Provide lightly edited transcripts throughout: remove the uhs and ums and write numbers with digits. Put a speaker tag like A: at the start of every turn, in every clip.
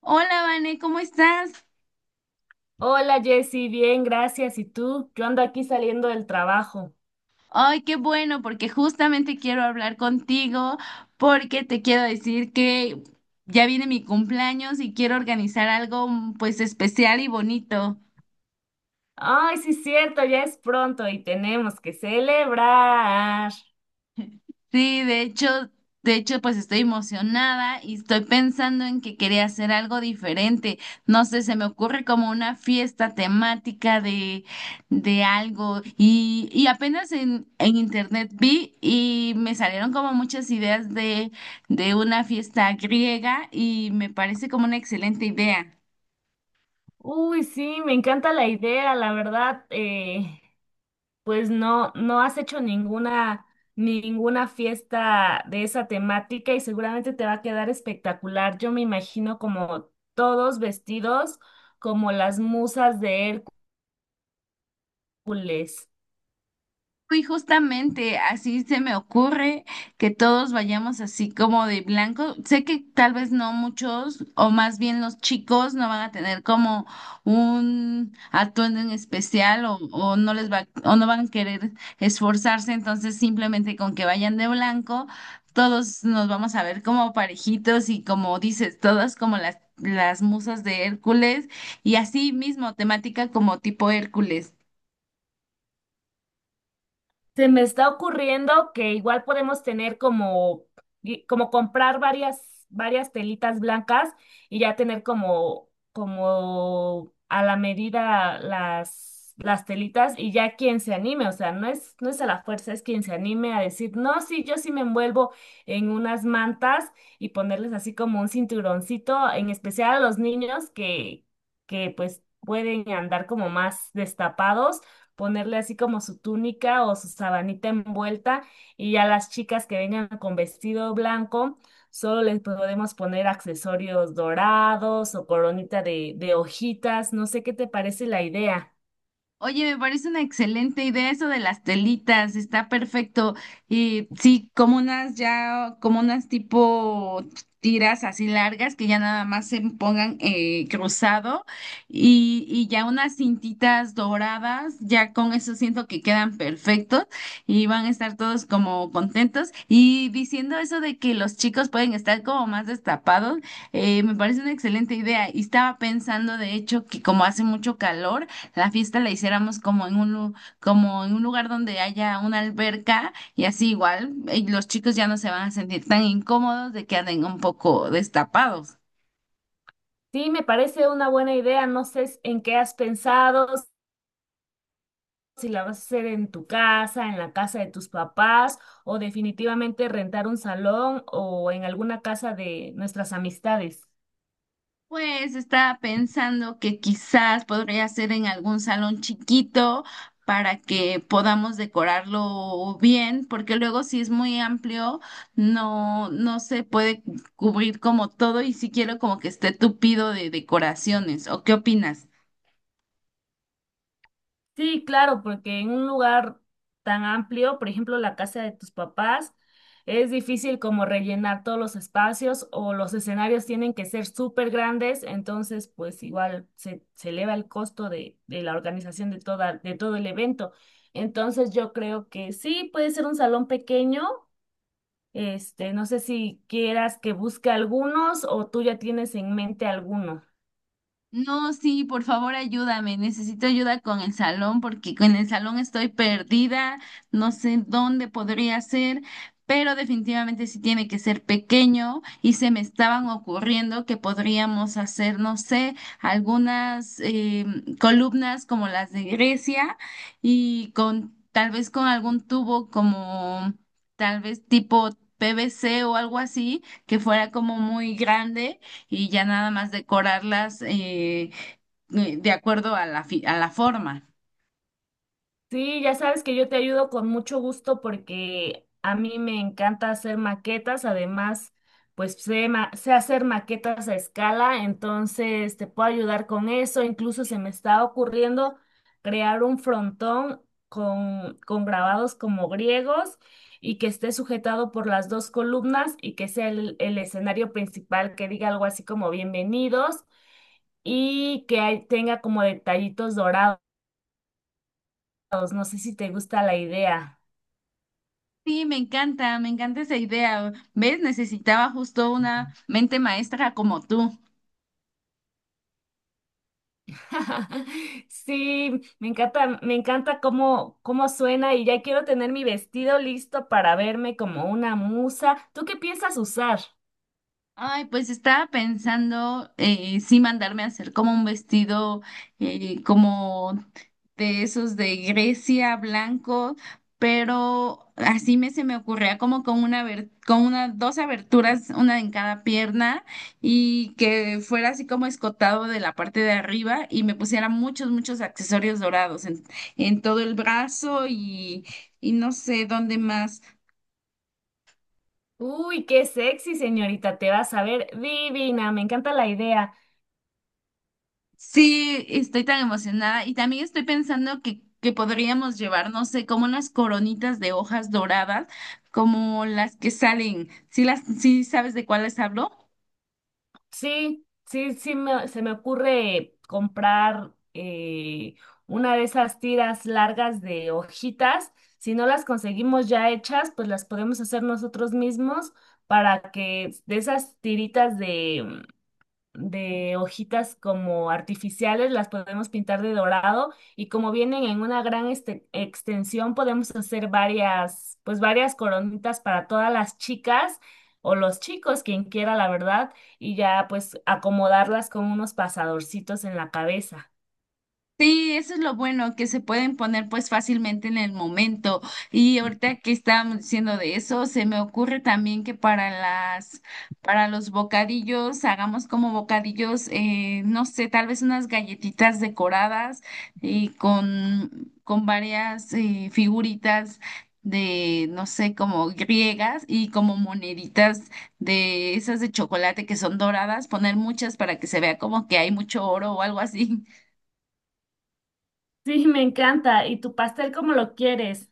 A: Hola, Vane, ¿cómo estás?
B: Hola Jessy, bien, gracias. ¿Y tú? Yo ando aquí saliendo del trabajo.
A: Ay, qué bueno, porque justamente quiero hablar contigo, porque te quiero decir que ya viene mi cumpleaños y quiero organizar algo pues especial y bonito.
B: Ay, sí, cierto, ya es pronto y tenemos que celebrar.
A: Sí, de hecho, pues estoy emocionada y estoy pensando en que quería hacer algo diferente. No sé, se me ocurre como una fiesta temática de algo. Y, y apenas en internet vi y me salieron como muchas ideas de una fiesta griega y me parece como una excelente idea.
B: Uy, sí, me encanta la idea, la verdad. Pues no, ninguna fiesta de esa temática y seguramente te va a quedar espectacular. Yo me imagino como todos vestidos como las musas de Hércules.
A: Y justamente así se me ocurre que todos vayamos así como de blanco. Sé que tal vez no muchos, o más bien los chicos, no van a tener como un atuendo en especial o no les va, o no van a querer esforzarse. Entonces, simplemente con que vayan de blanco, todos nos vamos a ver como parejitos y como dices, todas como las musas de Hércules y así mismo temática como tipo Hércules.
B: Se me está ocurriendo que igual podemos tener como, como comprar varias telitas blancas y ya tener como, como a la medida las telitas y ya quien se anime, o sea, no es a la fuerza, es quien se anime a decir, no, sí, yo sí me envuelvo en unas mantas y ponerles así como un cinturoncito, en especial a los niños que pues pueden andar como más destapados, ponerle así como su túnica o su sabanita envuelta y ya las chicas que vengan con vestido blanco, solo les podemos poner accesorios dorados o coronita de hojitas, no sé qué te parece la idea.
A: Oye, me parece una excelente idea eso de las telitas, está perfecto. Y sí, como unas ya, como unas tipo tiras así largas que ya nada más se pongan cruzado y ya unas cintitas doradas, ya con eso siento que quedan perfectos y van a estar todos como contentos. Y diciendo eso de que los chicos pueden estar como más destapados, me parece una excelente idea. Y estaba pensando, de hecho, que como hace mucho calor, la fiesta la hiciéramos como en como en un lugar donde haya una alberca y así igual los chicos ya no se van a sentir tan incómodos de que anden un poco destapados.
B: Sí, me parece una buena idea, no sé en qué has pensado, si la vas a hacer en tu casa, en la casa de tus papás o definitivamente rentar un salón o en alguna casa de nuestras amistades.
A: Pues estaba pensando que quizás podría ser en algún salón chiquito para que podamos decorarlo bien, porque luego si es muy amplio no se puede cubrir como todo y si quiero como que esté tupido de decoraciones. ¿O qué opinas?
B: Sí, claro, porque en un lugar tan amplio, por ejemplo, la casa de tus papás, es difícil como rellenar todos los espacios o los escenarios tienen que ser súper grandes, entonces pues igual se eleva el costo de la organización de de todo el evento. Entonces yo creo que sí, puede ser un salón pequeño, este, no sé si quieras que busque algunos o tú ya tienes en mente alguno.
A: No, sí, por favor ayúdame. Necesito ayuda con el salón porque con el salón estoy perdida, no sé dónde podría ser, pero definitivamente sí tiene que ser pequeño y se me estaban ocurriendo que podríamos hacer, no sé, algunas columnas como las de Grecia y con tal vez con algún tubo como tal vez tipo PVC o algo así que fuera como muy grande y ya nada más decorarlas de acuerdo a a la forma.
B: Sí, ya sabes que yo te ayudo con mucho gusto porque a mí me encanta hacer maquetas, además, pues sé hacer maquetas a escala, entonces te puedo ayudar con eso, incluso se me está ocurriendo crear un frontón con grabados como griegos y que esté sujetado por las dos columnas y que sea el escenario principal que diga algo así como bienvenidos y que tenga como detallitos dorados, no sé si te gusta la idea.
A: Sí, me encanta esa idea. ¿Ves? Necesitaba justo una mente maestra como tú.
B: Sí, me encanta cómo suena y ya quiero tener mi vestido listo para verme como una musa. ¿Tú qué piensas usar?
A: Ay, pues estaba pensando sí mandarme a hacer como un vestido como de esos de Grecia blanco, pero así me se me ocurría como con con una dos aberturas, una en cada pierna y que fuera así como escotado de la parte de arriba y me pusiera muchos muchos accesorios dorados en todo el brazo y no sé dónde más.
B: Uy, qué sexy, señorita, te vas a ver divina, me encanta la idea.
A: Sí, estoy tan emocionada y también estoy pensando que podríamos llevar, no sé, como unas coronitas de hojas doradas, como las que salen. Sí sabes de cuáles hablo?
B: Sí, sí, sí, se me ocurre comprar una de esas tiras largas de hojitas. Si no las conseguimos ya hechas, pues las podemos hacer nosotros mismos para que de esas tiritas de hojitas como artificiales, las podemos pintar de dorado y como vienen en una gran extensión, podemos hacer varias, pues varias coronitas para todas las chicas o los chicos, quien quiera, la verdad, y ya pues acomodarlas con unos pasadorcitos en la cabeza.
A: Sí, eso es lo bueno, que se pueden poner pues fácilmente en el momento. Y ahorita que estábamos diciendo de eso, se me ocurre también que para para los bocadillos, hagamos como bocadillos, no sé, tal vez unas galletitas decoradas y con varias figuritas de, no sé, como griegas y como moneditas de esas de chocolate que son doradas, poner muchas para que se vea como que hay mucho oro o algo así.
B: Sí, me encanta. ¿Y tu pastel cómo lo quieres?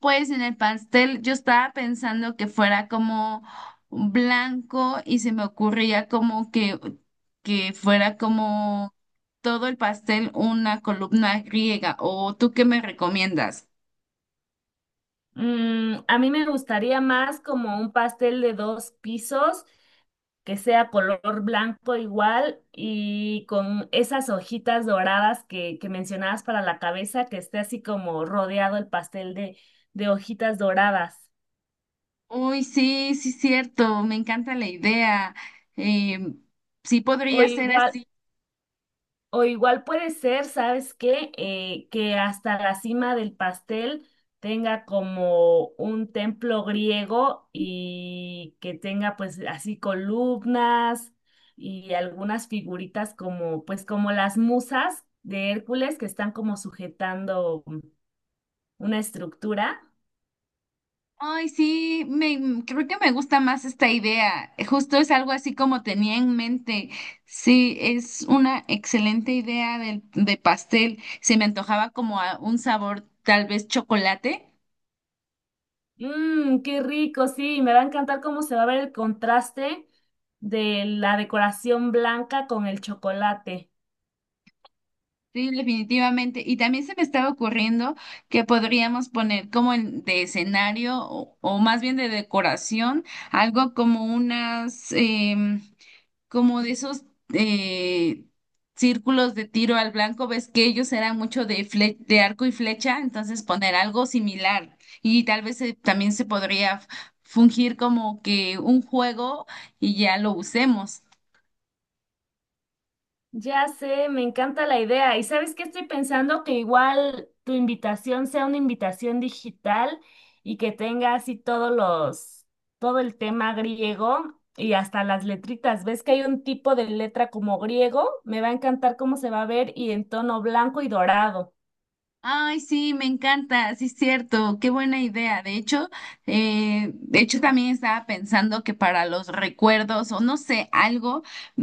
A: Pues en el pastel yo estaba pensando que fuera como blanco y se me ocurría como que fuera como todo el pastel una columna griega. ¿O tú qué me recomiendas?
B: Mm, a mí me gustaría más como un pastel de dos pisos que sea color blanco igual y con esas hojitas doradas que mencionabas para la cabeza, que esté así como rodeado el pastel de hojitas doradas.
A: Uy, sí, sí, cierto, me encanta la idea. Em, sí
B: O
A: podría ser
B: igual,
A: así.
B: O igual puede ser, ¿sabes qué? Que hasta la cima del pastel tenga como un templo griego y que tenga pues así columnas y algunas figuritas como pues como las musas de Hércules que están como sujetando una estructura.
A: Ay, sí, me, mm, creo que me gusta más esta idea. Justo es algo así como tenía en mente. Sí, es una excelente idea pastel. Se me antojaba como a un sabor tal vez chocolate.
B: Mmm, qué rico, sí, me va a encantar cómo se va a ver el contraste de la decoración blanca con el chocolate.
A: Sí, definitivamente. Y también se me estaba ocurriendo que podríamos poner como de escenario o más bien de decoración, algo como unas, em, como de esos eh, círculos de tiro al blanco, ves que ellos eran mucho de arco y flecha, entonces poner algo similar y tal vez también se podría fungir como que un juego y ya lo usemos.
B: Ya sé, me encanta la idea. ¿Y sabes qué estoy pensando? Que igual tu invitación sea una invitación digital y que tenga así todo el tema griego y hasta las letritas. ¿Ves que hay un tipo de letra como griego? Me va a encantar cómo se va a ver y en tono blanco y dorado.
A: Ay, sí, me encanta, sí es cierto, qué buena idea. De hecho, de hecho también estaba pensando que para los recuerdos o no sé, algo,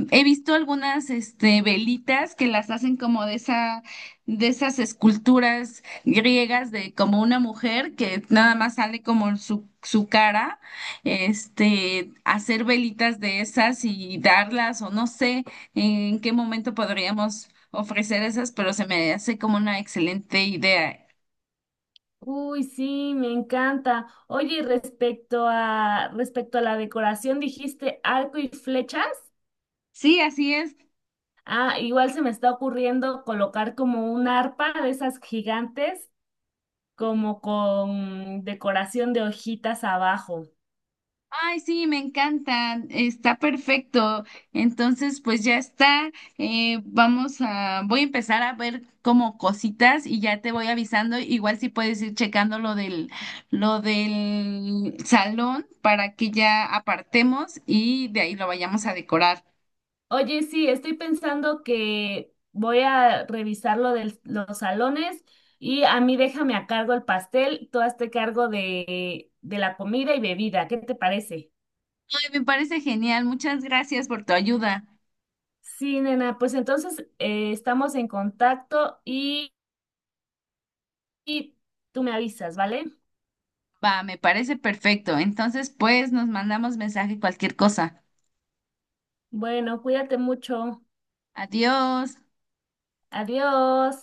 A: he visto algunas este velitas que las hacen como de esa de esas esculturas griegas de como una mujer que nada más sale como su cara, este, hacer velitas de esas y darlas o no sé en qué momento podríamos ofrecer esas, pero se me hace como una excelente idea.
B: Uy, sí, me encanta. Oye, y respecto a la decoración, dijiste arco y flechas.
A: Sí, así es.
B: Ah, igual se me está ocurriendo colocar como un arpa de esas gigantes, como con decoración de hojitas abajo.
A: Ay, sí, me encantan. Está perfecto. Entonces, pues ya está. Voy a empezar a ver como cositas y ya te voy avisando. Igual si puedes ir checando lo del salón para que ya apartemos y de ahí lo vayamos a decorar.
B: Oye, sí, estoy pensando que voy a revisar lo de los salones y a mí déjame a cargo el pastel, tú hazte cargo de la comida y bebida. ¿Qué te parece?
A: Ay, me parece genial. Muchas gracias por tu ayuda.
B: Sí, nena, pues entonces estamos en contacto y tú me avisas, ¿vale?
A: Va, me parece perfecto. Entonces, pues nos mandamos mensaje cualquier cosa.
B: Bueno, cuídate mucho.
A: Adiós.
B: Adiós.